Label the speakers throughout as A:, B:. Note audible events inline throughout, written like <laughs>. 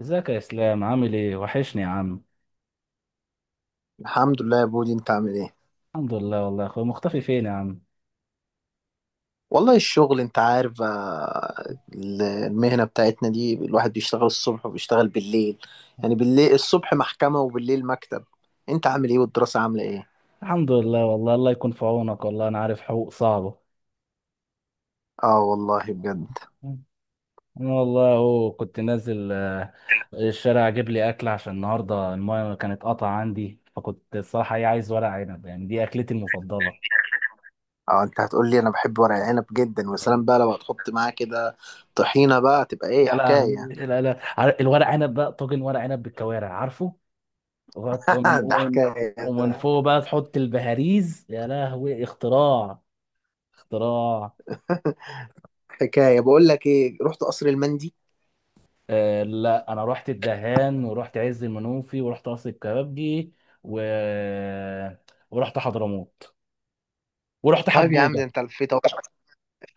A: ازيك يا اسلام؟ عامل ايه؟ وحشني يا عم.
B: الحمد لله يا بودي، انت عامل ايه؟
A: الحمد لله والله يا اخويا، مختفي فين يا عم؟
B: والله الشغل انت عارف، المهنة بتاعتنا دي الواحد بيشتغل الصبح وبيشتغل بالليل. يعني بالليل، الصبح محكمة وبالليل مكتب. انت عامل ايه؟ والدراسة عاملة ايه؟
A: الحمد لله والله، الله يكون في عونك، والله انا عارف حقوق صعبة.
B: اه، والله بجد.
A: انا والله اهو كنت نازل الشارع اجيب لي اكل عشان النهارده المايه كانت قطع عندي، فكنت الصراحة ايه عايز ورق عنب، يعني دي اكلتي المفضلة.
B: اه، انت هتقول لي انا بحب ورق العنب جدا، وسلام بقى لو هتحط معاه كده طحينة، بقى تبقى ايه
A: يا لهوي،
B: حكاية؟
A: لا لا، الورق عنب بقى طاجن ورق عنب بالكوارع، عارفه؟ ومن
B: <laughs> ده
A: ومن
B: حكاية
A: ومن
B: ده.
A: فوق بقى تحط البهاريز، يا لهوي، اختراع، اختراع.
B: حكاية. بقول لك ايه، رحت قصر المندي؟
A: آه لا، انا رحت الدهان، ورحت عز المنوفي، ورحت قصر الكبابجي، و... ورحت حضرموت، ورحت
B: طيب يا عم،
A: حجوجه.
B: ده انت لفيت اهو.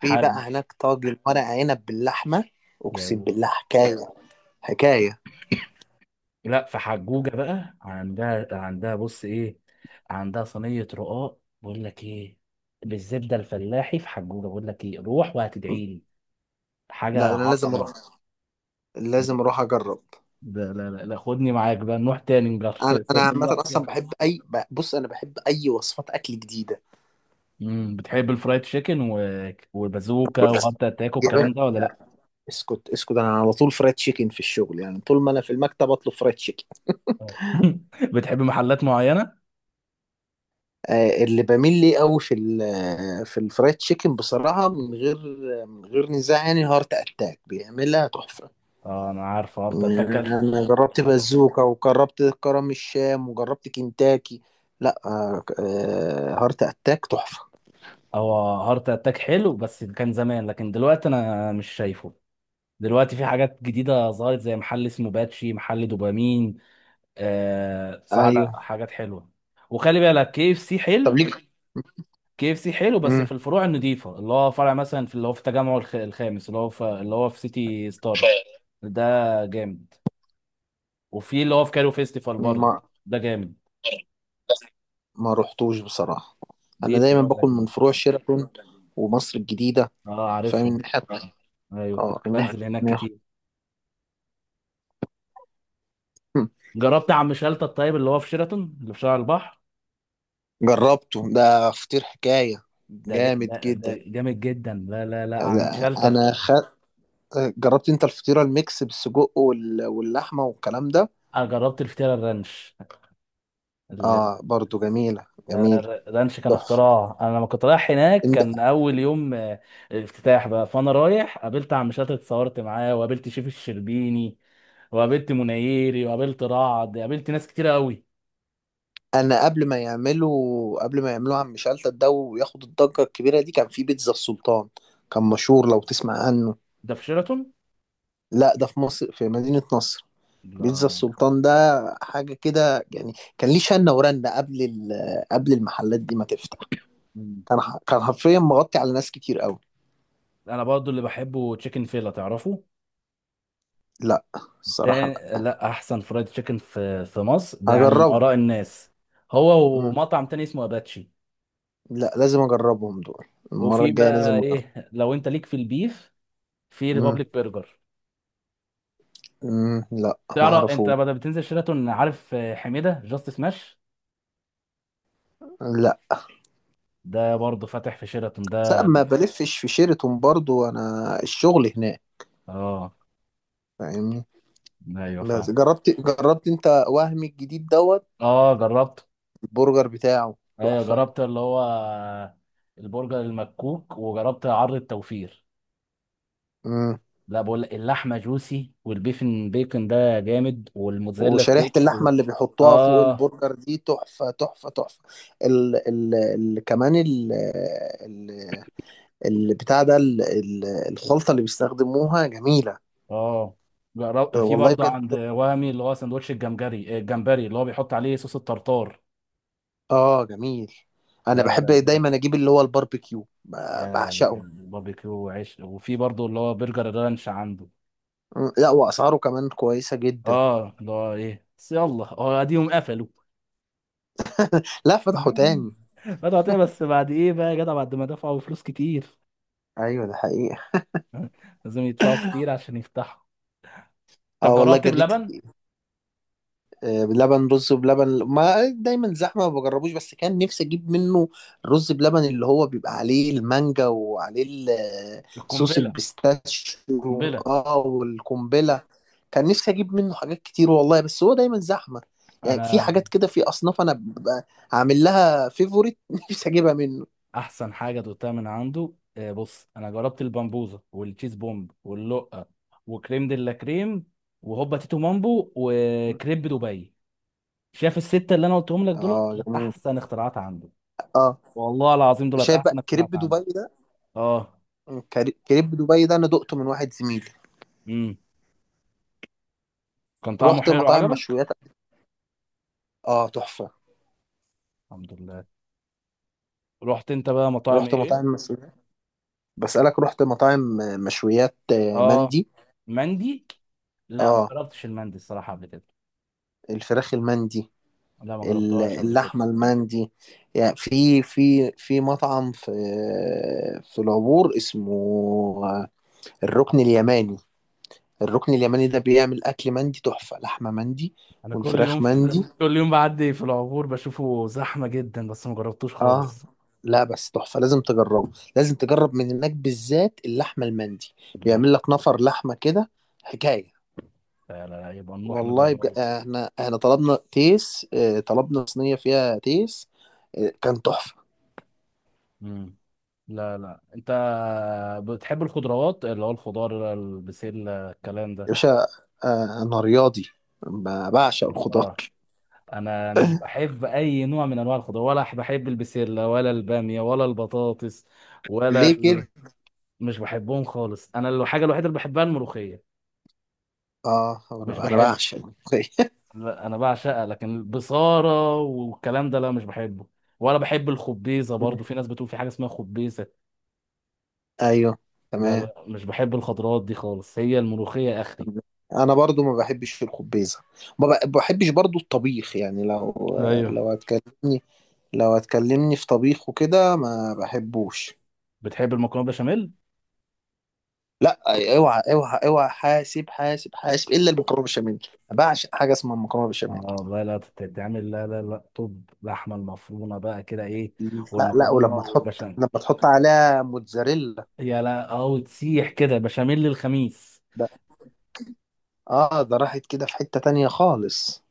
B: في بقى هناك طاجن ورق عنب باللحمة، اقسم
A: يعني.
B: بالله حكاية، حكاية.
A: لا، في حجوجه بقى، عندها بص ايه، عندها صينيه رقاق، بقول لك ايه، بالزبده الفلاحي في حجوجه، بقول لك ايه، روح وهتدعي لي، حاجه
B: لا، انا لازم اروح،
A: عظمه.
B: لازم اروح اجرب.
A: لا لا لا لا، خدني معاك بقى، نروح تاني نجرب.
B: انا
A: <laughs>
B: انا عامة
A: نروح سوا.
B: اصلا بحب اي، بص انا بحب اي وصفات اكل جديدة.
A: بتحب الفرايد تشيكن والبازوكا وهارت اتاك
B: يا باشا،
A: والكلام ده ولا لا؟
B: اسكت اسكت، انا على طول فرايد تشيكن في الشغل، يعني طول ما انا في المكتب اطلب فرايد تشيكن.
A: اه. <laughs> بتحب محلات معينة؟
B: اللي بميل ليه قوي في في الفرايد تشيكن بصراحة، من غير نزاع، يعني هارت اتاك بيعملها تحفة.
A: اه انا عارف هارت اتاك.
B: يعني انا جربت بازوكا، وجربت كرم الشام، وجربت كنتاكي. لا، هارت اتاك تحفة.
A: هو هارت اتاك حلو بس كان زمان، لكن دلوقتي انا مش شايفه. دلوقتي في حاجات جديدة ظهرت، زي محل اسمه باتشي، محل دوبامين. آه صح، لا
B: ايوه.
A: حاجات حلوة. وخلي بالك كي اف سي
B: طب
A: حلو.
B: ليك.
A: كي اف سي حلو بس
B: مم.
A: في الفروع النظيفة، اللي هو فرع مثلا في اللي هو في تجمع الخامس، اللي هو في اللي هو في سيتي
B: ف
A: ستارز. ده جامد. وفي اللي هو في كايرو فيستيفال برضه.
B: ما
A: ده جامد.
B: ما رحتوش بصراحة.
A: دي
B: أنا دايما
A: الفروع
B: باكل
A: اللي،
B: من فروع شيراتون ومصر الجديدة.
A: اه
B: فاهم
A: عارفهم.
B: الناحية؟
A: ايوه
B: اه، الناحية
A: بنزل هناك
B: التانية.
A: كتير.
B: <laughs>
A: جربت عم شلتة الطيب اللي هو في شيراتون اللي في شارع البحر؟
B: جربته ده، فطير حكاية، جامد
A: ده
B: جدا.
A: جامد جدا، لا لا لا، عم
B: أنا
A: شلتة
B: أنا
A: الطيب.
B: خ... جربت أنت الفطيرة الميكس بالسجق واللحمة والكلام ده.
A: انا جربت الفطيرة الرانش. ال-
B: اه، برضو جميلة
A: لا لا
B: جميلة،
A: لا، الرانش كان
B: تحفة.
A: اختراع. انا لما كنت رايح هناك
B: إن-
A: كان اول يوم، افتتاح بقى، فانا رايح قابلت عم شلتة، اتصورت معاه، وقابلت شيف الشربيني، وقابلت منيري، وقابلت رعد، قابلت ناس كتيرة قوي.
B: أنا قبل ما يعملوها عم شلتت ده وياخد الضجة الكبيرة دي، كان في بيتزا السلطان. كان مشهور، لو تسمع عنه.
A: ده في شيراتون.
B: لا، ده في مصر، في مدينة نصر.
A: لا.
B: بيتزا
A: لا.
B: السلطان ده، حاجة كده. يعني كان ليه شنة ورنة قبل المحلات دي ما تفتح.
A: مم.
B: كان حرفيا مغطي على ناس كتير قوي.
A: انا برضو اللي بحبه تشيكن فيلا، تعرفه؟
B: لا، الصراحة
A: تاني
B: لا.
A: لا، احسن فرايد تشيكن في مصر ده، يعني من
B: هجربه.
A: اراء الناس. هو
B: مم.
A: ومطعم تاني اسمه اباتشي.
B: لا، لازم اجربهم دول، المرة
A: وفي
B: الجاية
A: بقى
B: لازم اجرب.
A: ايه، لو انت ليك في البيف، في
B: مم.
A: ريبابليك برجر.
B: مم. لا، ما
A: تعرف انت
B: اعرفوش.
A: بدل بتنزل شيراتون، عارف حميده جاست سماش،
B: لا
A: ده برضه فاتح في شيراتون
B: بس
A: ده.
B: ما بلفش في شيراتون، برضو انا الشغل هناك.
A: اه.
B: فاهمني؟
A: ايوه
B: بس
A: فاهم.
B: جربت انت وهمي الجديد دوت.
A: اه جربت.
B: البرجر بتاعه
A: ايوه
B: تحفة.
A: جربت اللي هو البرجر المكوك، وجربت عرض التوفير.
B: مم.
A: لا، بقول لك، اللحمه جوسي، والبيفن بيكن ده جامد، والموتزاريلا
B: وشريحة
A: ستيكس
B: اللحمة اللي بيحطوها فوق
A: اه.
B: البرجر دي تحفة تحفة تحفة. ال ال ال كمان ال ال البتاع ده ال ال الخلطة اللي بيستخدموها جميلة.
A: اه. في
B: والله
A: برضه
B: بجد.
A: عند وهمي اللي هو سندوتش الجمبري، الجمبري اللي هو بيحط عليه صوص الطرطار.
B: اه، جميل. انا
A: لا لا
B: بحب
A: لا جامد،
B: دايما اجيب اللي هو الباربيكيو،
A: يا
B: بعشقه.
A: باربيكيو وعيش. وفي برضه اللي هو برجر الرانش عنده.
B: لا، واسعاره كمان كويسة جدا.
A: اه اللي هو ايه بس، يلا، هو اديهم قفلوا.
B: لا، فتحوا
A: <laughs>
B: تاني.
A: فتحوا تاني، بس بعد ايه بقى يا جدع، بعد ما دفعوا فلوس كتير.
B: ايوه، ده حقيقة.
A: لازم يدفعوا كتير عشان يفتحوا. طب
B: اه، والله
A: جربت
B: جريت.
A: بلبن؟
B: بلبن، رز بلبن ما دايما زحمه، ما بجربوش، بس كان نفسي اجيب منه. الرز بلبن اللي هو بيبقى عليه المانجا وعليه صوص
A: القنبله،
B: البيستاشيو.
A: قنبله.
B: اه، والقنبله. كان نفسي اجيب منه حاجات كتير والله، بس هو دايما زحمه. يعني في
A: انا
B: حاجات كده، في اصناف انا ببقى عامل لها فيفوريت، <laughs> نفسي اجيبها منه.
A: احسن حاجه دوقتها من عنده بص، انا جربت البامبوزه والتشيز بومب واللقه، وكريم دي، لا كريم، وهوبا تيتو مامبو، وكريب دبي. شايف السته اللي انا قلتهم لك دولت،
B: اه،
A: دولت
B: جميل.
A: احسن اختراعات عنده.
B: اه.
A: والله العظيم دولت
B: شايف
A: احسن
B: بقى كريب
A: اختراعات عنده.
B: دبي ده؟
A: اه.
B: كريب دبي ده انا دقته من واحد زميلي.
A: امم كان طعمه
B: رحت
A: حلو
B: مطاعم
A: عجبك.
B: مشويات. اه، تحفه.
A: الحمد لله. رحت انت بقى مطاعم
B: رحت
A: ايه؟
B: مطاعم مشويات بسألك، رحت مطاعم مشويات،
A: اه
B: مندي.
A: مندي. لا، ما
B: اه،
A: جربتش المندي الصراحه قبل كده.
B: الفراخ المندي،
A: لا، ما جربتهاش قبل كده.
B: اللحمة المندي. يعني في مطعم في العبور اسمه آه، الركن اليماني. الركن اليماني ده بيعمل أكل مندي تحفة، لحمة مندي،
A: انا كل يوم
B: والفراخ مندي.
A: <laughs> كل يوم بعدي في العبور بشوفه زحمه جدا، بس ما جربتوش
B: اه.
A: خالص.
B: لا بس تحفة، لازم تجربه، لازم تجرب من هناك بالذات اللحمة المندي. بيعمل
A: اللحم.
B: لك نفر لحمة كده، حكاية.
A: لا لا لا، يبقى نروح
B: والله
A: نجربه.
B: بجد، احنا طلبنا تيس، طلبنا صينية فيها تيس، اه، كان تحفة.
A: امم. لا لا، انت بتحب الخضروات، اللي هو الخضار، البسله، الكلام ده؟
B: يا باشا، اه، انا رياضي، بعشق الخضار.
A: اه. انا مش بحب اي نوع من انواع الخضار، ولا بحب البسله، ولا الباميه، ولا البطاطس، ولا
B: ليه
A: ال...
B: كده؟
A: مش بحبهم خالص. انا الحاجه الوحيده اللي بحبها الملوخيه.
B: اه،
A: مش
B: انا
A: بحب.
B: بعشق.
A: لا انا بعشقها، لكن البصاره والكلام ده لا مش بحبه. ولا بحب الخبيزه برضو. في
B: <laughs>
A: ناس بتقول في حاجه اسمها خبيزه،
B: ايوه،
A: ده
B: تمام.
A: لا مش بحب الخضروات دي خالص. هي الملوخيه اخري.
B: انا برضو ما بحبش الخبيزة، ما بحبش برضو الطبيخ، يعني لو
A: ايوه.
B: لو هتكلمني، لو هتكلمني في طبيخ وكده ما بحبوش.
A: بتحب المكرونه بشاميل؟
B: لا، اوعى اوعى اوعى، حاسب حاسب حاسب، الا المكرونه بالبشاميل، أنا بعشق حاجه اسمها المكرونه بالبشاميل.
A: اه لا لا تتعمل، لا لا لا. طب لحمه المفرومه بقى كده ايه،
B: لا، لا،
A: والمكرونه
B: ولما تحط
A: والبشاميل.
B: لما تحط عليها موتزاريلا.
A: يا لا، او تسيح كده بشاميل للخميس.
B: ده اه ده راحت كده في حته تانية خالص.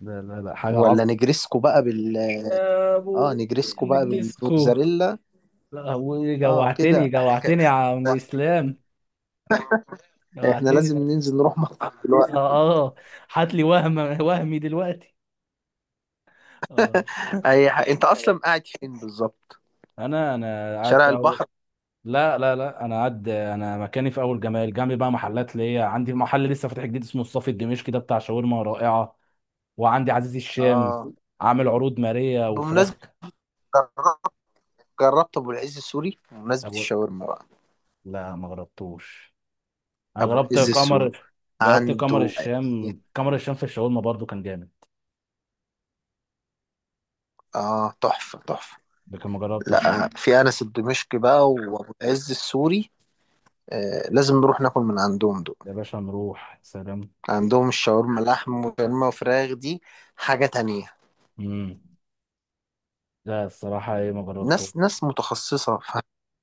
A: لا لا لا، حاجه
B: ولا
A: عظمه.
B: نجرسكو بقى
A: يا ابو النجريسكو.
B: بالموتزاريلا.
A: لا هو
B: اه،
A: جوعتني،
B: كده
A: جوعتني يا عم اسلام.
B: احنا
A: جوعتني.
B: لازم ننزل نروح مطعم
A: اه.
B: دلوقتي.
A: اه. هات لي وهم، وهمي دلوقتي. اه.
B: انت اصلا قاعد فين بالظبط؟
A: انا قاعد
B: شارع
A: في اول.
B: البحر؟
A: لا لا لا، انا قاعد، انا مكاني في اول جمال، جنبي بقى محلات ليا، عندي محل لسه فاتح جديد اسمه الصافي الدمشقي، ده بتاع شاورما رائعه. وعندي عزيز الشام،
B: اه،
A: عامل عروض ماريه وفراخ.
B: بمناسبه، جربت جربت ابو العز السوري، بمناسبه
A: أبو...
B: الشاورما بقى.
A: لا ما جربتوش. انا
B: ابو
A: جربت
B: العز السوق،
A: قمر جربت قمر
B: عنده. إيه؟
A: الشام، قمر الشام في الشاورما برضو كان جامد.
B: اه، تحفه، تحفه.
A: لكن ما جربتش.
B: لا، في انس الدمشقي بقى، وابو العز السوري. آه، لازم نروح ناكل من عندهم دول.
A: يا باشا نروح، سلام.
B: عندهم الشاورما لحم وشاورما وفراخ دي، حاجه تانية.
A: امم. لا الصراحه ايه، ما
B: ناس
A: جربتوش.
B: ناس متخصصه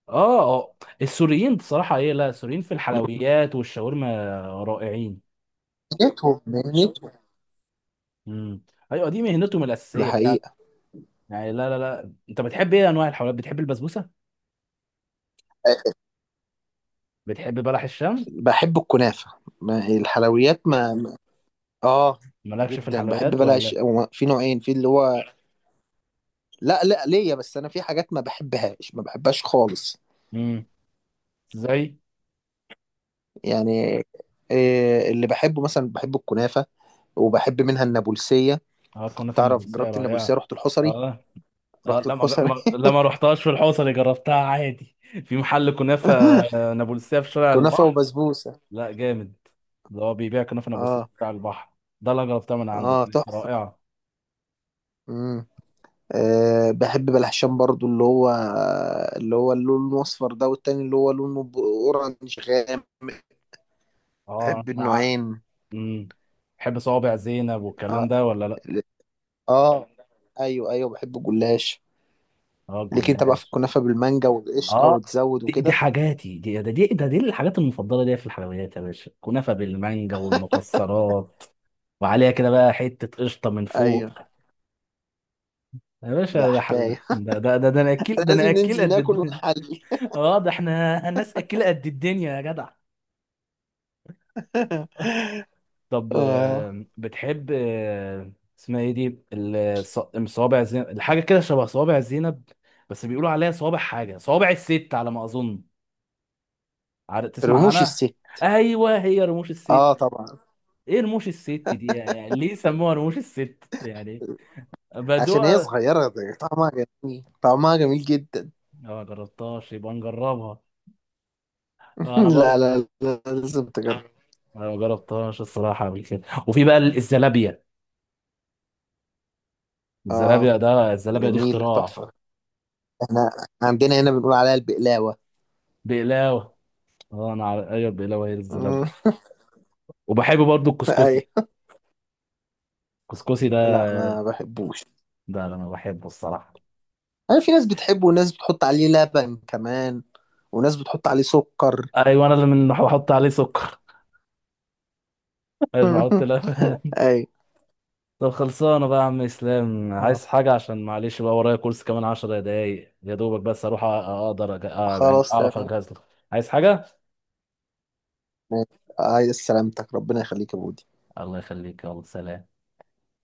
A: اه. اه. السوريين بصراحة ايه، لا السوريين في الحلويات والشاورما رائعين.
B: مهنتهم مهنتهم.
A: امم. ايوه دي مهنتهم
B: ده
A: الأساسية فعلا.
B: حقيقه.
A: يعني لا لا لا، انت بتحب ايه انواع الحلويات؟ بتحب البسبوسة؟
B: آه،
A: بتحب بلح الشام؟
B: بحب الكنافه، الحلويات اه،
A: مالكش في
B: جدا بحب.
A: الحلويات
B: بلاش،
A: ولا؟
B: هو في نوعين، في اللي هو، لا، لا، ليا بس، انا في حاجات ما بحبهاش، ما بحبهاش خالص.
A: امم. ازاي؟
B: يعني، إيه اللي بحبه؟ مثلا بحب الكنافة، وبحب منها النابلسية.
A: اه الكنافة
B: تعرف؟
A: النابلسية
B: جربت النابلسية،
A: رائعة.
B: رحت الحصري،
A: اه. اه
B: رحت
A: لا
B: الحصري
A: لا ما رحتهاش في الحوصة، اللي جربتها عادي. في محل كنافة
B: <laughs>
A: نابلسية في شارع
B: كنافة
A: البحر.
B: وبسبوسة،
A: لا جامد. ده هو بيبيع كنافة نابلسية في
B: اه،
A: شارع البحر. ده اللي أنا جربتها من عنده
B: اه،
A: كانت
B: تحفة.
A: رائعة.
B: مم. آه، بحب بلحشان برضو، اللي هو اللون الأصفر ده، والتاني اللي هو لونه أورنج غامق.
A: اه
B: بحب
A: انا ع-
B: النوعين،
A: مم. بحب صوابع زينب والكلام
B: اه،
A: ده ولا لا؟
B: اه. ايوه، ايوه، بحب الجلاش.
A: اه
B: ليك انت بقى في
A: الجلاش.
B: الكنافة بالمانجا والقشطة
A: اه
B: وتزود
A: دي
B: وكده.
A: حاجاتي، دي ده دي ده دي الحاجات المفضله دي في الحلويات يا باشا، كنافه بالمانجا والمكسرات، وعليها كده بقى حته قشطه من
B: ايوه،
A: فوق. يا
B: ده
A: باشا
B: حكاية.
A: ده
B: لازم
A: انا اكل
B: ننزل
A: قد
B: ناكل
A: الدنيا.
B: ونحلي.
A: <laughs> اه ده احنا الناس، اكله قد الدنيا يا جدع.
B: <laughs>
A: طب
B: آه،
A: بتحب اسمها ايه دي صوابع زينب، الحاجه كده شبه صوابع زينب. بس بيقولوا عليها صوابع حاجه، صوابع الست على ما اظن. عارف؟ تسمع
B: رموش
A: عنها؟
B: الست.
A: ايوه، هي رموش الست
B: اه،
A: دي.
B: طبعا.
A: ايه رموش الست دي، يعني ليه سموها رموش الست يعني،
B: عشان هي
A: بدوء.
B: صغيرة، ده طعمها جميل، طعمها جميل جدا.
A: ما جربتهاش، يبقى نجربها.
B: <laughs>
A: انا
B: لا،
A: برضه
B: لا، لا، لازم تجرب.
A: انا ما جربتهاش الصراحه قبل كده. وفي بقى الزلابيه.
B: اه،
A: الزلابيه ده، الزلابيه دي
B: جميلة،
A: اختراع.
B: تحفة. احنا عندنا هنا بنقول عليها البقلاوة.
A: بقلاوه. اه انا عارف، ايوه البقلاوه هي
B: مم.
A: الزلابيه. وبحب برضو
B: <laughs>
A: الكسكسي.
B: ايوه.
A: الكسكسي ده،
B: لا، ما بحبوش.
A: ده انا بحبه الصراحه.
B: انا، في ناس بتحبه، وناس بتحط عليه لبن كمان، وناس بتحط عليه سكر.
A: ايوه انا اللي من بحط عليه سكر. <laughs> مش بحط
B: <laughs>
A: لبن.
B: ايوه.
A: طب خلصانه بقى يا عم اسلام،
B: آه.
A: عايز حاجه؟ عشان معلش بقى ورايا كورس كمان 10 دقايق يا دوبك، بس اروح اقدر آه يعني
B: خلاص،
A: اعرف
B: تمام.
A: اجهز له. عايز حاجه؟
B: ماشي. عايز سلامتك، ربنا يخليك يا بودي.
A: الله يخليك، يلا سلام.